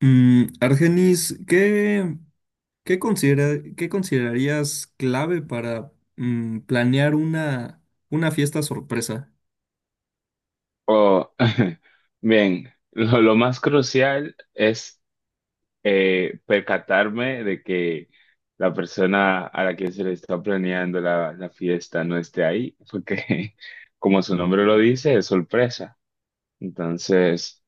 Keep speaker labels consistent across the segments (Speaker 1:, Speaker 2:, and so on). Speaker 1: Argenis, qué qué considerarías clave para planear una fiesta sorpresa?
Speaker 2: Oh, bien, lo más crucial es percatarme de que la persona a la que se le está planeando la fiesta no esté ahí, porque como su nombre lo dice, es sorpresa. Entonces,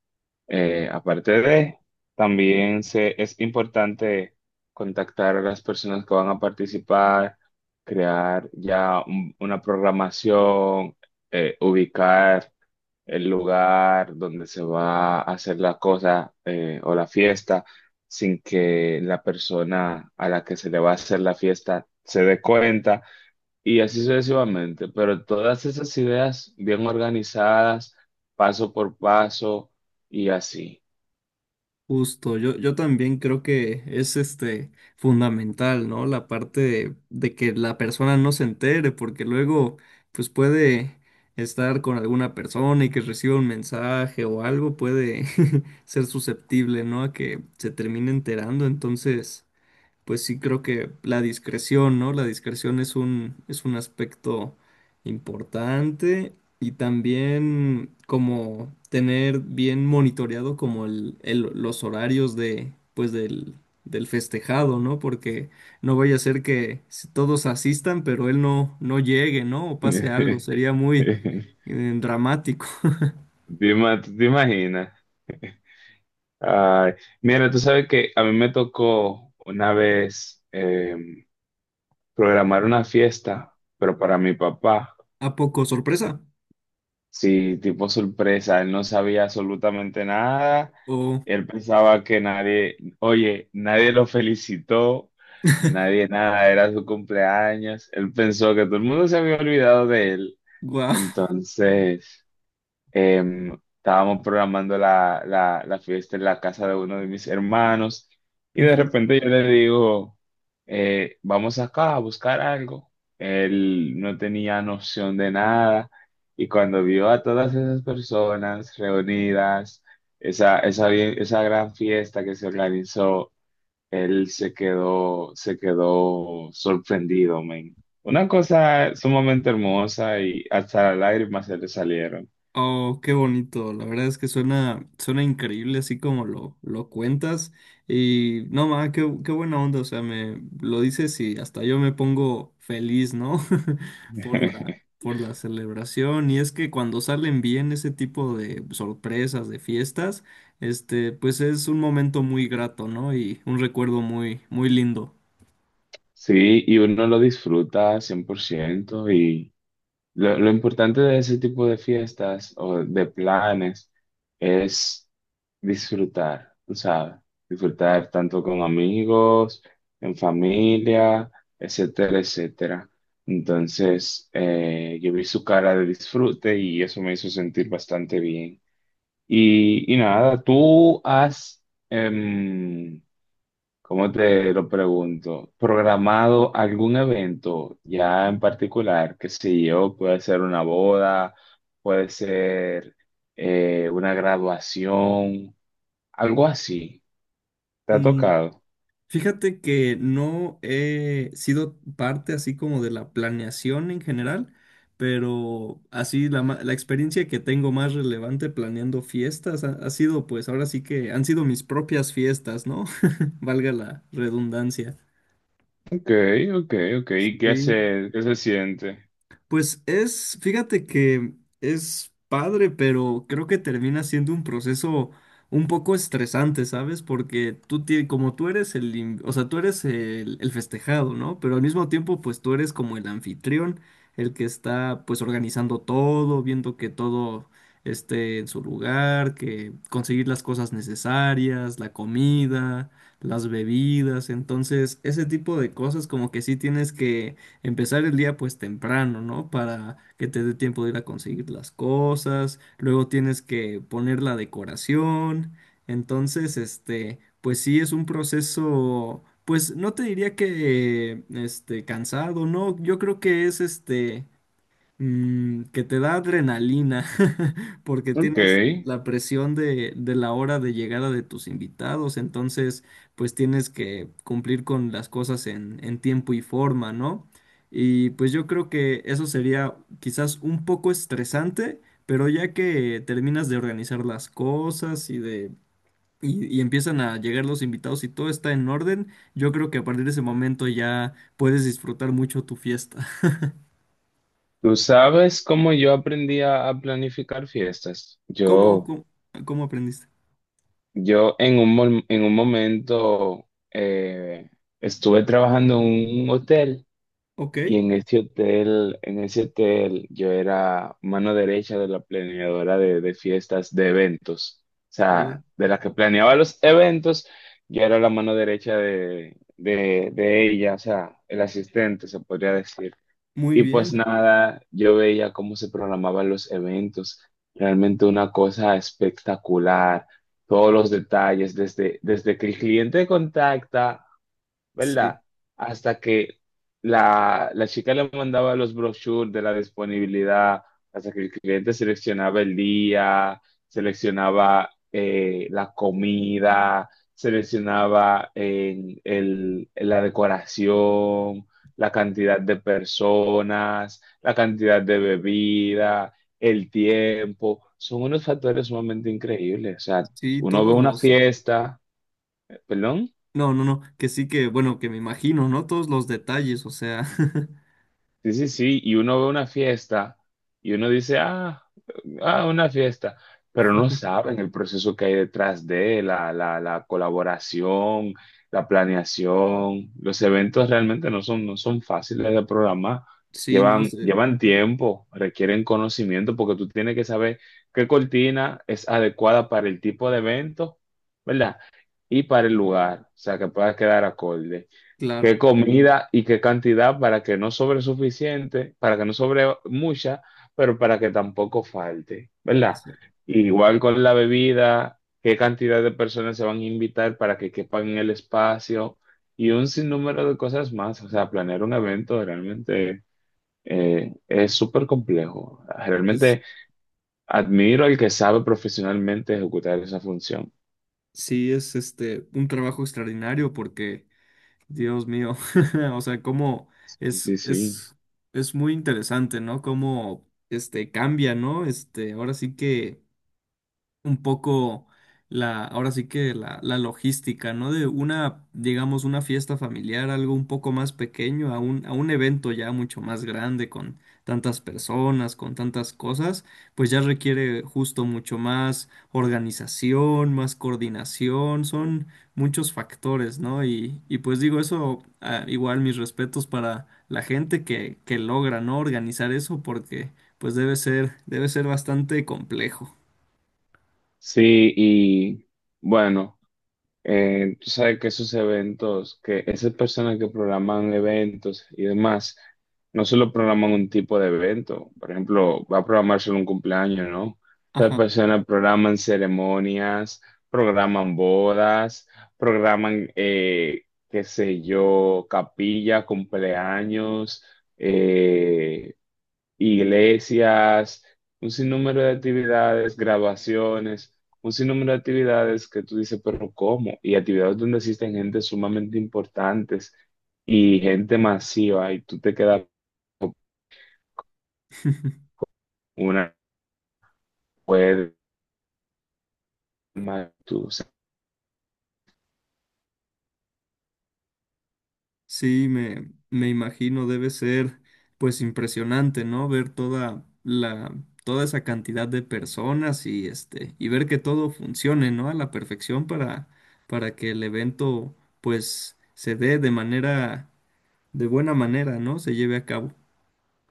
Speaker 2: aparte de, también se, es importante contactar a las personas que van a participar, crear una programación, ubicar el lugar donde se va a hacer la cosa o la fiesta sin que la persona a la que se le va a hacer la fiesta se dé cuenta y así sucesivamente. Pero todas esas ideas bien organizadas, paso por paso y así.
Speaker 1: Justo, yo también creo que es este fundamental, ¿no? La parte de que la persona no se entere, porque luego pues puede estar con alguna persona y que reciba un mensaje o algo, puede ser susceptible, ¿no? A que se termine enterando, entonces, pues sí creo que la discreción, ¿no? La discreción es es un aspecto importante y también como tener bien monitoreado como los horarios de, pues del festejado, ¿no? Porque no vaya a ser que si todos asistan, pero él no llegue, ¿no? O pase algo,
Speaker 2: ¿Te
Speaker 1: sería muy dramático.
Speaker 2: tú te imaginas? Ay, mira, tú sabes que a mí me tocó una vez programar una fiesta, pero para mi papá.
Speaker 1: ¿A poco sorpresa?
Speaker 2: Sí, tipo sorpresa, él no sabía absolutamente nada,
Speaker 1: O,
Speaker 2: él pensaba que nadie, oye, nadie lo felicitó, nadie nada, era su cumpleaños, él pensó que todo el mundo se había olvidado de él,
Speaker 1: wow.
Speaker 2: entonces... Em, estábamos programando la fiesta en la casa de uno de mis hermanos y de repente yo le digo, vamos acá a buscar algo. Él no tenía noción de nada y cuando vio a todas esas personas reunidas, esa gran fiesta que se organizó, él se quedó sorprendido, men. Una cosa sumamente hermosa y hasta las lágrimas se le salieron.
Speaker 1: Oh, qué bonito. La verdad es que suena, suena increíble así como lo cuentas. Y no, ma, qué buena onda. O sea, me lo dices y hasta yo me pongo feliz, ¿no? Por por la celebración. Y es que cuando salen bien ese tipo de sorpresas, de fiestas, este, pues es un momento muy grato, ¿no? Y un recuerdo muy, muy lindo.
Speaker 2: Sí, y uno lo disfruta 100% y lo importante de ese tipo de fiestas o de planes es disfrutar, tú sabes, disfrutar tanto con amigos, en familia, etcétera, etcétera. Entonces, yo vi su cara de disfrute y eso me hizo sentir bastante bien. Y nada, tú has, em, ¿cómo te lo pregunto? ¿Programado algún evento ya en particular? Que si yo, puede ser una boda, puede ser una graduación, algo así. ¿Te ha tocado?
Speaker 1: Fíjate que no he sido parte así como de la planeación en general, pero así la experiencia que tengo más relevante planeando fiestas ha sido pues ahora sí que han sido mis propias fiestas, ¿no? Valga la redundancia.
Speaker 2: Ok, ok, ok. ¿Y
Speaker 1: Sí,
Speaker 2: qué se siente?
Speaker 1: pues es, fíjate que es padre, pero creo que termina siendo un proceso un poco estresante, ¿sabes? Porque como tú eres o sea, tú eres el festejado, ¿no? Pero al mismo tiempo, pues tú eres como el anfitrión, el que está, pues, organizando todo, viendo que todo esté en su lugar, que conseguir las cosas necesarias, la comida, las bebidas, entonces, ese tipo de cosas como que sí tienes que empezar el día pues temprano, ¿no? Para que te dé tiempo de ir a conseguir las cosas, luego tienes que poner la decoración, entonces, este, pues sí es un proceso, pues no te diría que, este, cansado, ¿no? Yo creo que es, este, que te da adrenalina porque
Speaker 2: Ok.
Speaker 1: tienes la presión de la hora de llegada de tus invitados, entonces pues tienes que cumplir con las cosas en tiempo y forma, ¿no? Y pues yo creo que eso sería quizás un poco estresante, pero ya que terminas de organizar las cosas y de... Y, y empiezan a llegar los invitados y todo está en orden, yo creo que a partir de ese momento ya puedes disfrutar mucho tu fiesta.
Speaker 2: ¿Tú sabes cómo yo aprendí a planificar fiestas?
Speaker 1: ¿Cómo,
Speaker 2: Yo,
Speaker 1: cómo, cómo aprendiste?
Speaker 2: yo en un, en un momento estuve trabajando en un hotel.
Speaker 1: Ok.
Speaker 2: Y en ese hotel, yo era mano derecha de la planeadora de fiestas, de eventos. O
Speaker 1: Oh,
Speaker 2: sea, de la que planeaba los eventos, yo era la mano derecha de ella, o sea, el asistente, se podría decir.
Speaker 1: muy
Speaker 2: Y pues
Speaker 1: bien.
Speaker 2: nada, yo veía cómo se programaban los eventos. Realmente una cosa espectacular. Todos los detalles, desde, desde que el cliente contacta,
Speaker 1: Sí,
Speaker 2: ¿verdad? Hasta que la chica le mandaba los brochures de la disponibilidad, hasta que el cliente seleccionaba el día, seleccionaba la comida, seleccionaba la decoración, la cantidad de personas, la cantidad de bebida, el tiempo. Son unos factores sumamente increíbles. O sea,
Speaker 1: sí,
Speaker 2: uno ve
Speaker 1: todos
Speaker 2: una
Speaker 1: los...
Speaker 2: fiesta, perdón.
Speaker 1: No, no, no, que sí que, bueno, que me imagino, ¿no? Todos los detalles, o sea,
Speaker 2: Sí, sí, sí, y uno ve una fiesta y uno dice, ah, ah, una fiesta, pero no saben el proceso que hay detrás de la colaboración, la planeación. Los eventos realmente no son fáciles de programar,
Speaker 1: sí, no
Speaker 2: llevan,
Speaker 1: sé,
Speaker 2: llevan tiempo, requieren conocimiento porque tú tienes que saber qué cortina es adecuada para el tipo de evento, ¿verdad? Y para el lugar, o sea, que pueda quedar acorde,
Speaker 1: claro,
Speaker 2: qué comida y qué cantidad para que no sobre suficiente, para que no sobre mucha, pero para que tampoco falte, ¿verdad?
Speaker 1: exa-
Speaker 2: Igual con la bebida, qué cantidad de personas se van a invitar para que quepan en el espacio y un sinnúmero de cosas más. O sea, planear un evento realmente es súper complejo.
Speaker 1: es,
Speaker 2: Realmente admiro al que sabe profesionalmente ejecutar esa función.
Speaker 1: sí, es este, un trabajo extraordinario porque, Dios mío, o sea, cómo
Speaker 2: Sí,
Speaker 1: es,
Speaker 2: sí, sí.
Speaker 1: es, es muy interesante, ¿no? Cómo, este, cambia, ¿no? Este, ahora sí que un poco la, ahora sí que la logística, ¿no? De una, digamos, una fiesta familiar, algo un poco más pequeño, a un evento ya mucho más grande, con tantas personas, con tantas cosas, pues ya requiere justo mucho más organización, más coordinación, son muchos factores, ¿no? Y pues digo eso, ah, igual mis respetos para la gente que logra, ¿no? Organizar eso porque pues debe ser bastante complejo.
Speaker 2: Sí, y bueno. Tú sabes que esos eventos, que esas personas que programan eventos y demás, no solo programan un tipo de evento, por ejemplo, va a programar solo un cumpleaños, ¿no? Esas
Speaker 1: Ajá.
Speaker 2: personas programan ceremonias, programan bodas, programan, qué sé yo, capilla, cumpleaños, eh, iglesias, un sinnúmero de actividades, graduaciones, un sinnúmero de actividades que tú dices, pero ¿cómo? Y actividades donde existen gente sumamente importantes y gente masiva y tú te quedas con una web más tú. O sea,
Speaker 1: Sí, me imagino, debe ser pues impresionante, ¿no? Ver toda toda esa cantidad de personas y este, y ver que todo funcione, ¿no? A la perfección para que el evento pues se dé de manera, de buena manera, ¿no? Se lleve a cabo.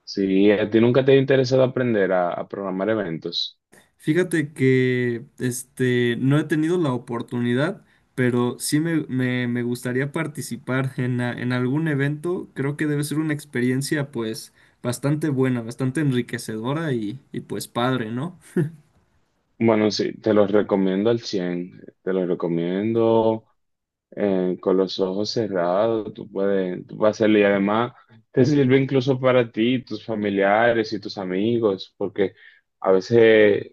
Speaker 2: si a ti nunca te ha interesado aprender a programar eventos,
Speaker 1: Fíjate que este no he tenido la oportunidad, pero sí me gustaría participar en algún evento. Creo que debe ser una experiencia pues bastante buena, bastante enriquecedora y pues padre, ¿no?
Speaker 2: bueno, sí, te los recomiendo al cien, te los recomiendo con los ojos cerrados, tú puedes hacerlo y además te sirve incluso para ti, tus familiares y tus amigos, porque a veces,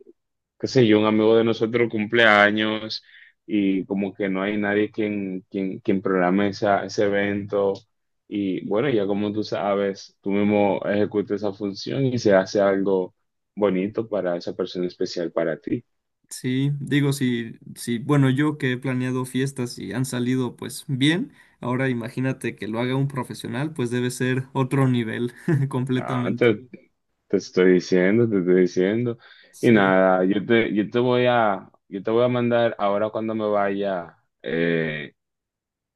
Speaker 2: qué sé yo, un amigo de nosotros cumple años y como que no hay nadie quien, quien, quien programe ese evento y bueno, ya como tú sabes, tú mismo ejecutas esa función y se hace algo bonito para esa persona especial para ti.
Speaker 1: Sí, digo, si, si, bueno, yo que he planeado fiestas y han salido pues bien, ahora imagínate que lo haga un profesional, pues debe ser otro nivel
Speaker 2: No,
Speaker 1: completamente.
Speaker 2: te estoy diciendo, te estoy diciendo. Y
Speaker 1: Sí.
Speaker 2: nada, yo te voy a mandar ahora cuando me vaya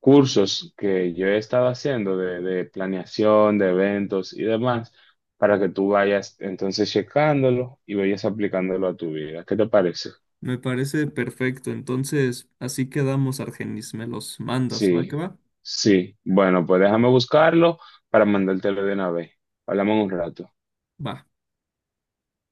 Speaker 2: cursos que yo he estado haciendo de planeación, de eventos y demás, para que tú vayas entonces checándolo y vayas aplicándolo a tu vida. ¿Qué te parece?
Speaker 1: Me parece perfecto. Entonces, así quedamos, Argenis. Me los mandas, ¿va que
Speaker 2: Sí,
Speaker 1: va?
Speaker 2: sí. Bueno, pues déjame buscarlo para mandártelo de una vez. Hablamos en un rato.
Speaker 1: Va.